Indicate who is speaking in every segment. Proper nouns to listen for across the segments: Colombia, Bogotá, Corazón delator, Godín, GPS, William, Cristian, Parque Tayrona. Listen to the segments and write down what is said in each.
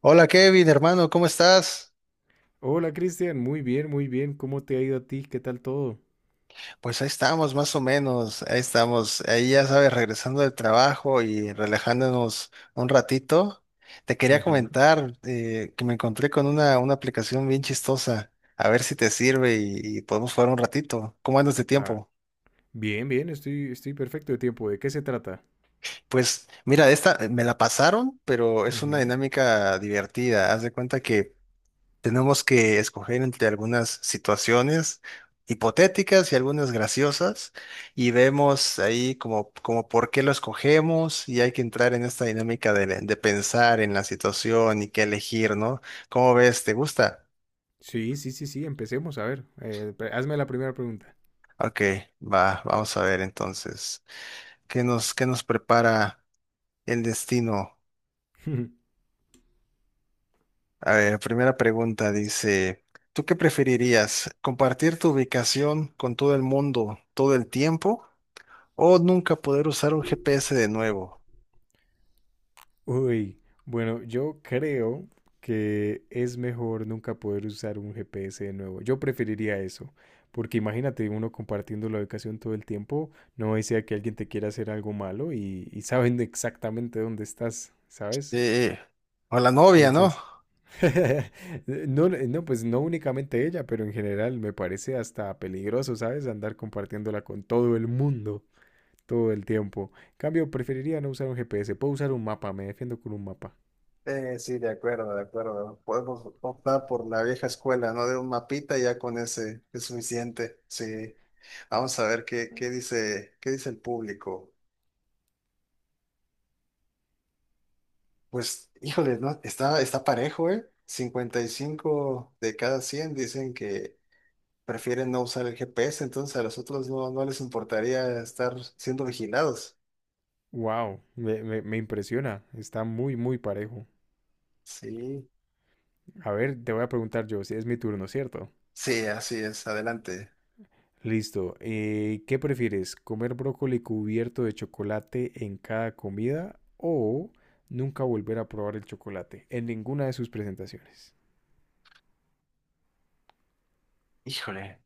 Speaker 1: Hola Kevin, hermano, ¿cómo estás?
Speaker 2: Hola Cristian, muy bien, muy bien. ¿Cómo te ha ido a ti? ¿Qué tal todo?
Speaker 1: Pues ahí estamos, más o menos, ahí estamos, ahí ya sabes, regresando del trabajo y relajándonos un ratito. Te quería
Speaker 2: Ujú.
Speaker 1: comentar que me encontré con una aplicación bien chistosa, a ver si te sirve y podemos jugar un ratito. ¿Cómo andas de
Speaker 2: Ah,
Speaker 1: tiempo?
Speaker 2: bien, bien, estoy perfecto de tiempo. ¿De qué se trata?
Speaker 1: Pues mira, esta me la pasaron, pero es una
Speaker 2: Ujú.
Speaker 1: dinámica divertida. Haz de cuenta que tenemos que escoger entre algunas situaciones hipotéticas y algunas graciosas y vemos ahí como por qué lo escogemos y hay que entrar en esta dinámica de pensar en la situación y qué elegir, ¿no? ¿Cómo ves? ¿Te gusta?
Speaker 2: Sí, sí, sí, sí, empecemos. A ver, hazme la primera pregunta.
Speaker 1: Ok, vamos a ver entonces. ¿Qué nos prepara el destino? A ver, primera pregunta dice, ¿tú qué preferirías? ¿Compartir tu ubicación con todo el mundo todo el tiempo? ¿O nunca poder usar un GPS de nuevo?
Speaker 2: Uy, bueno, yo creo que es mejor nunca poder usar un GPS de nuevo. Yo preferiría eso, porque imagínate uno compartiendo la ubicación todo el tiempo, no desea que alguien te quiera hacer algo malo y saben exactamente dónde estás, ¿sabes?
Speaker 1: Sí. O la novia, ¿no?
Speaker 2: Entonces, no, no, pues no únicamente ella, pero en general me parece hasta peligroso, ¿sabes? Andar compartiéndola con todo el mundo todo el tiempo. En cambio, preferiría no usar un GPS, puedo usar un mapa, me defiendo con un mapa.
Speaker 1: Sí, de acuerdo, de acuerdo. Podemos optar por la vieja escuela, ¿no? De un mapita ya con ese es suficiente. Sí. Vamos a ver qué dice el público. Pues, híjole, ¿no? Está, está parejo, ¿eh? 55 de cada 100 dicen que prefieren no usar el GPS, entonces a los otros no, no les importaría estar siendo vigilados.
Speaker 2: Wow, me impresiona, está muy, muy parejo.
Speaker 1: Sí,
Speaker 2: A ver, te voy a preguntar yo, si es mi turno, ¿cierto?
Speaker 1: sí, así es. Adelante.
Speaker 2: Listo, ¿qué prefieres? ¿Comer brócoli cubierto de chocolate en cada comida o nunca volver a probar el chocolate en ninguna de sus presentaciones?
Speaker 1: Híjole,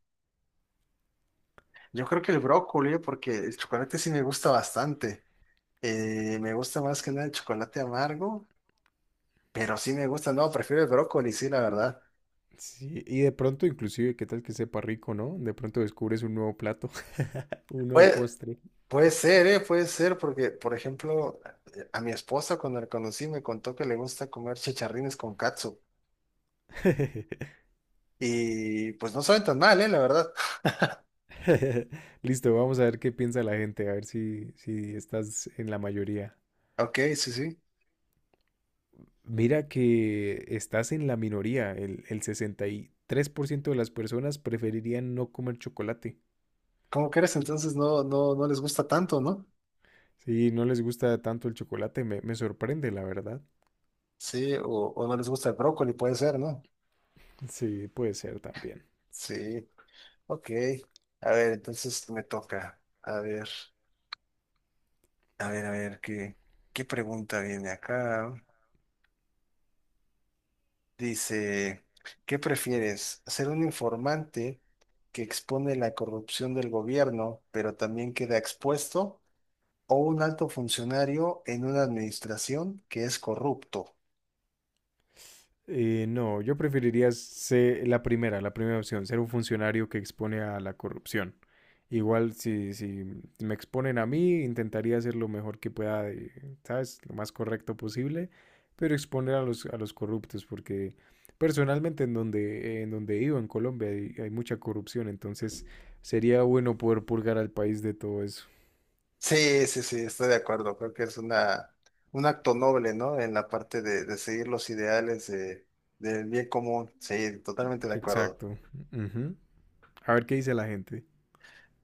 Speaker 1: yo creo que el brócoli, porque el chocolate sí me gusta bastante. Me gusta más que nada el chocolate amargo, pero sí me gusta, no, prefiero el brócoli, sí, la verdad.
Speaker 2: Sí, y de pronto inclusive, ¿qué tal que sepa rico, no? De pronto descubres un nuevo plato, un nuevo
Speaker 1: Puede,
Speaker 2: postre.
Speaker 1: puede ser, ¿eh? Puede ser, porque, por ejemplo, a mi esposa cuando la conocí me contó que le gusta comer chicharrines con katsu. Y pues no saben tan mal, ¿eh? La verdad.
Speaker 2: Listo, vamos a ver qué piensa la gente, a ver si, si estás en la mayoría.
Speaker 1: Ok, sí, sí.
Speaker 2: Mira que estás en la minoría, el 63% de las personas preferirían no comer chocolate.
Speaker 1: ¿Cómo crees? Entonces no, no, no les gusta tanto, ¿no?
Speaker 2: Sí, no les gusta tanto el chocolate, me sorprende, la verdad.
Speaker 1: Sí, o no les gusta el brócoli, puede ser, ¿no?
Speaker 2: Sí, puede ser también.
Speaker 1: Sí. Ok, a ver, entonces me toca. A ver, a ver, a ver, ¿qué pregunta viene acá? Dice, ¿qué prefieres? ¿Ser un informante que expone la corrupción del gobierno, pero también queda expuesto? ¿O un alto funcionario en una administración que es corrupto?
Speaker 2: No, yo preferiría ser la primera opción, ser un funcionario que expone a la corrupción. Igual si, si me exponen a mí, intentaría hacer lo mejor que pueda, de, ¿sabes? Lo más correcto posible, pero exponer a los corruptos, porque personalmente en donde vivo, en Colombia, hay mucha corrupción, entonces sería bueno poder purgar al país de todo eso.
Speaker 1: Sí, sí, sí, estoy de acuerdo. Creo que es un acto noble, ¿no? En la parte de seguir los ideales del bien común. Sí, totalmente de acuerdo.
Speaker 2: Exacto. Ujú. A ver qué dice la gente.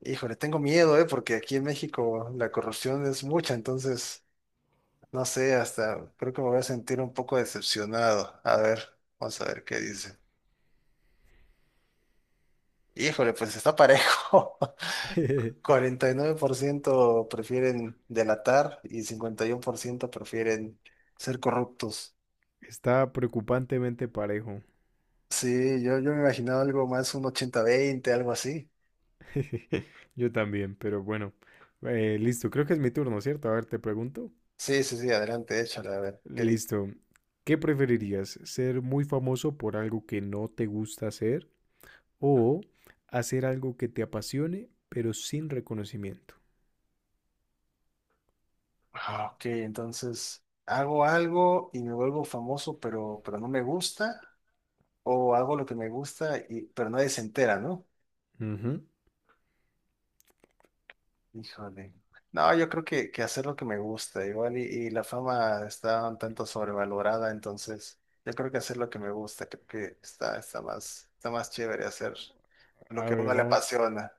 Speaker 1: Híjole, tengo miedo, ¿eh? Porque aquí en México la corrupción es mucha, entonces, no sé, hasta creo que me voy a sentir un poco decepcionado. A ver, vamos a ver qué dice. Híjole, pues está parejo. 49% prefieren delatar y 51% prefieren ser corruptos.
Speaker 2: Está preocupantemente parejo.
Speaker 1: Sí, yo me imaginaba algo más, un 80-20, algo así.
Speaker 2: Yo también, pero bueno. Listo, creo que es mi turno, ¿cierto? A ver, te pregunto.
Speaker 1: Sí, sí, sí, adelante, échale, a ver. ¿Qué dice?
Speaker 2: Listo. ¿Qué preferirías? ¿Ser muy famoso por algo que no te gusta hacer o hacer algo que te apasione, pero sin reconocimiento?
Speaker 1: Ah, ok, entonces hago algo y me vuelvo famoso, pero no me gusta. O hago lo que me gusta, pero nadie se entera, ¿no?
Speaker 2: Ujú.
Speaker 1: Híjole. No, yo creo que hacer lo que me gusta, igual y la fama está un tanto sobrevalorada, entonces yo creo que hacer lo que me gusta, creo que está más chévere hacer lo
Speaker 2: A
Speaker 1: que a
Speaker 2: ver,
Speaker 1: uno le
Speaker 2: vamos.
Speaker 1: apasiona.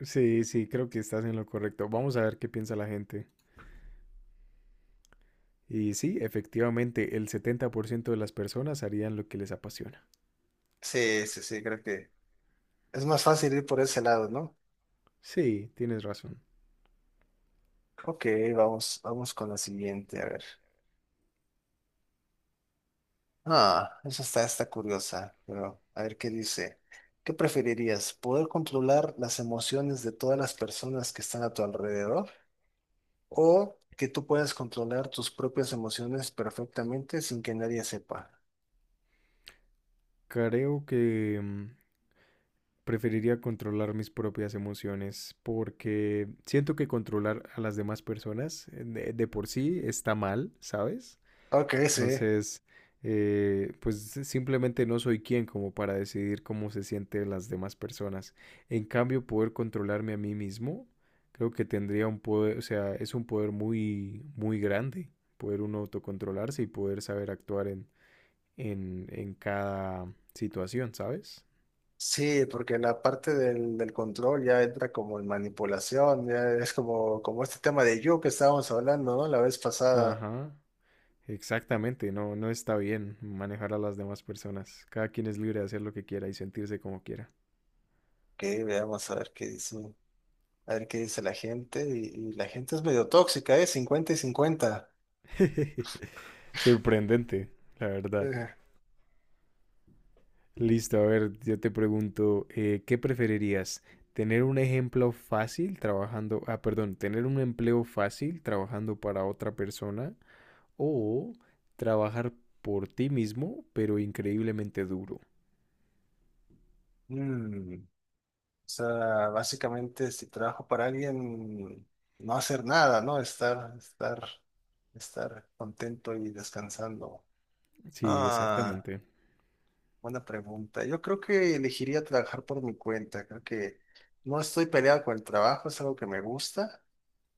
Speaker 2: Sí, sí, creo que estás en lo correcto. Vamos a ver qué piensa la gente. Y sí, efectivamente, el 70% de las personas harían lo que les apasiona.
Speaker 1: Sí, sí, sí, creo que es más fácil ir por ese lado, ¿no?
Speaker 2: Sí, tienes razón.
Speaker 1: Ok, vamos con la siguiente, a ver. Ah, esa está curiosa, pero a ver qué dice. ¿Qué preferirías? ¿Poder controlar las emociones de todas las personas que están a tu alrededor? ¿O que tú puedas controlar tus propias emociones perfectamente sin que nadie sepa?
Speaker 2: Creo que preferiría controlar mis propias emociones porque siento que controlar a las demás personas de por sí está mal, ¿sabes?
Speaker 1: Ok, sí.
Speaker 2: Entonces, pues simplemente no soy quien como para decidir cómo se sienten las demás personas. En cambio, poder controlarme a mí mismo, creo que tendría un poder, o sea, es un poder muy, muy grande, poder uno autocontrolarse y poder saber actuar en, en cada situación, ¿sabes?
Speaker 1: Sí, porque la parte del control ya entra como en manipulación, ya es como este tema de yo que estábamos hablando, ¿no? La vez pasada.
Speaker 2: Ajá. Exactamente, no, no está bien manejar a las demás personas. Cada quien es libre de hacer lo que quiera y sentirse como quiera.
Speaker 1: Ok, veamos a ver qué dice. A ver qué dice la gente. Y la gente es medio tóxica, ¿eh? 50-50.
Speaker 2: Sorprendente, la verdad.
Speaker 1: Eh,
Speaker 2: Listo, a ver, yo te pregunto, ¿qué preferirías? ¿Tener un ejemplo fácil trabajando, ah, perdón, tener un empleo fácil trabajando para otra persona o trabajar por ti mismo, pero increíblemente duro?
Speaker 1: mm, O sea básicamente si trabajo para alguien, no hacer nada, ¿no? Estar contento y descansando.
Speaker 2: Sí,
Speaker 1: Ah,
Speaker 2: exactamente.
Speaker 1: buena pregunta. Yo creo que elegiría trabajar por mi cuenta. Creo que no estoy peleado con el trabajo, es algo que me gusta.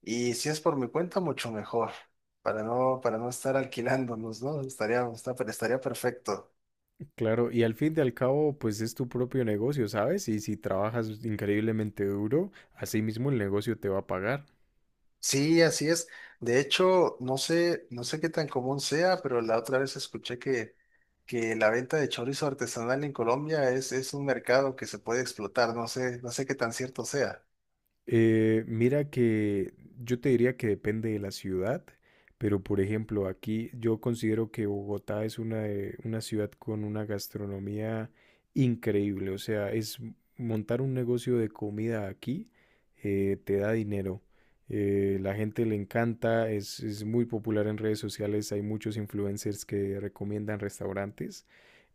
Speaker 1: Y si es por mi cuenta, mucho mejor. Para no estar alquilándonos, ¿no? Estaría, está- estaría perfecto.
Speaker 2: Claro, y al fin y al cabo, pues es tu propio negocio, ¿sabes? Y si trabajas increíblemente duro, así mismo el negocio te va a pagar.
Speaker 1: Sí, así es. De hecho, no sé qué tan común sea, pero la otra vez escuché que la venta de chorizo artesanal en Colombia es un mercado que se puede explotar. No sé qué tan cierto sea.
Speaker 2: Mira que yo te diría que depende de la ciudad, pero por ejemplo, aquí yo considero que Bogotá es una ciudad con una gastronomía increíble. O sea, es montar un negocio de comida aquí, te da dinero. La gente le encanta, es muy popular en redes sociales, hay muchos influencers que recomiendan restaurantes.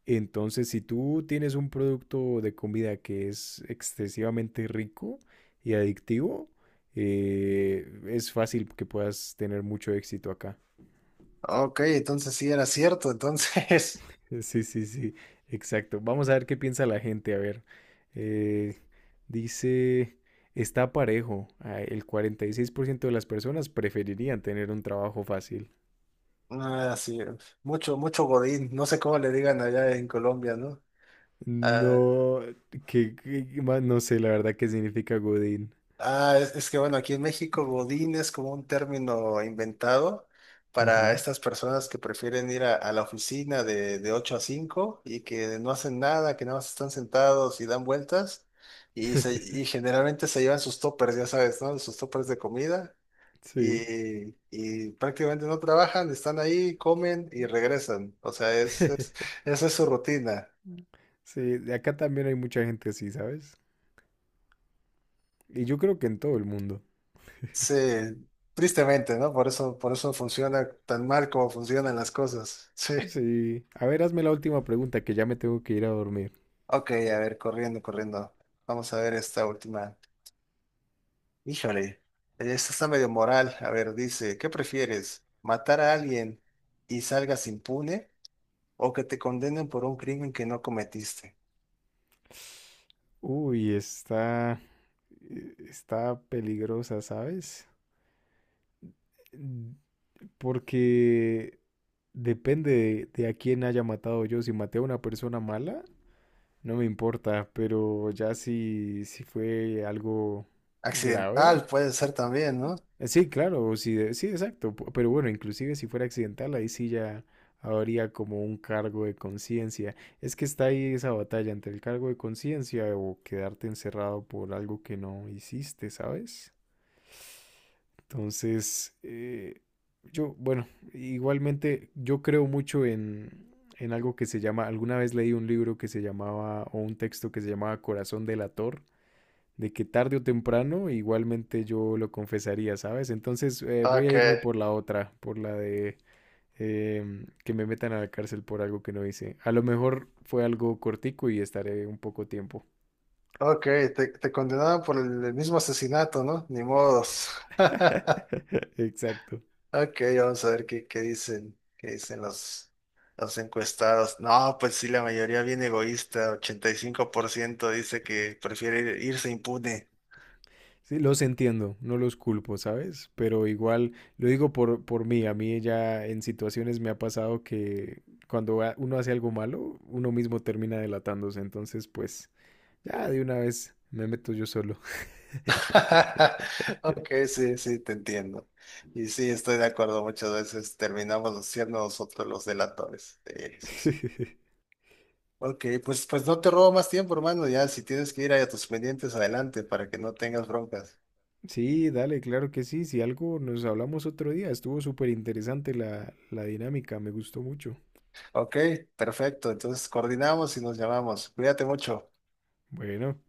Speaker 2: Entonces, si tú tienes un producto de comida que es excesivamente rico y adictivo, es fácil que puedas tener mucho éxito acá.
Speaker 1: Ok, entonces sí era cierto. Entonces,
Speaker 2: Sí, sí, sí, exacto. Vamos a ver qué piensa la gente. A ver, Eh, dice, está parejo. Ah, el 46% de las personas preferirían tener un trabajo fácil.
Speaker 1: así, mucho, mucho godín. No sé cómo le digan allá en Colombia, ¿no?
Speaker 2: No, no sé la verdad qué significa Godín.
Speaker 1: Ah, es que bueno, aquí en México godín es como un término inventado para
Speaker 2: Ujú.
Speaker 1: estas personas que prefieren ir a la oficina de 8 a 5 y que no hacen nada, que nada más están sentados y dan vueltas y generalmente se llevan sus toppers, ya sabes, ¿no? Sus toppers de comida
Speaker 2: Sí.
Speaker 1: y prácticamente no trabajan, están ahí, comen y regresan. O sea, esa es su rutina.
Speaker 2: Sí, de acá también hay mucha gente así, ¿sabes? Y yo creo que en todo el mundo.
Speaker 1: Sí, tristemente, ¿no? Por eso funciona tan mal como funcionan las cosas. Sí.
Speaker 2: Sí. A ver, hazme la última pregunta, que ya me tengo que ir a dormir.
Speaker 1: Ok, a ver, corriendo, corriendo. Vamos a ver esta última. Híjole, esta está medio moral. A ver, dice, ¿qué prefieres? ¿Matar a alguien y salgas impune o que te condenen por un crimen que no cometiste?
Speaker 2: Uy, está... está peligrosa, ¿sabes? Mm, Porque depende de a quién haya matado yo. Si maté a una persona mala, no me importa, pero ya si, si fue algo grave.
Speaker 1: Accidental puede ser también, ¿no?
Speaker 2: Sí, claro, sí, sí, exacto. Pero bueno, inclusive si fuera accidental, ahí sí ya habría como un cargo de conciencia. Es que está ahí esa batalla entre el cargo de conciencia o quedarte encerrado por algo que no hiciste, ¿sabes? Entonces, yo, bueno, igualmente yo creo mucho en algo que se llama, alguna vez leí un libro que se llamaba, o un texto que se llamaba Corazón delator, de que tarde o temprano igualmente yo lo confesaría, ¿sabes? Entonces voy
Speaker 1: Ok,
Speaker 2: a irme por la otra, por la de que me metan a la cárcel por algo que no hice. A lo mejor fue algo cortico y estaré un poco tiempo.
Speaker 1: ok, te condenaron por el mismo asesinato, ¿no? Ni modos.
Speaker 2: Exacto.
Speaker 1: Ok, vamos a ver qué dicen los encuestados. No, pues sí, la mayoría bien egoísta, 85% dice que prefiere irse impune.
Speaker 2: Sí, los entiendo, no los culpo, ¿sabes? Pero igual, lo digo por mí, a mí ya en situaciones me ha pasado que cuando uno hace algo malo, uno mismo termina delatándose, entonces pues ya de una vez me meto yo solo.
Speaker 1: Ok, sí, sí, te entiendo. Y sí, estoy de acuerdo, muchas veces terminamos siendo nosotros los delatores. Eso sí. Ok, pues no te robo más tiempo, hermano, ya si tienes que ir a tus pendientes, adelante, para que no tengas broncas.
Speaker 2: Sí, dale, claro que sí. Si algo nos hablamos otro día, estuvo súper interesante la, la dinámica, me gustó mucho.
Speaker 1: Ok, perfecto, entonces coordinamos y nos llamamos. Cuídate mucho.
Speaker 2: Bueno.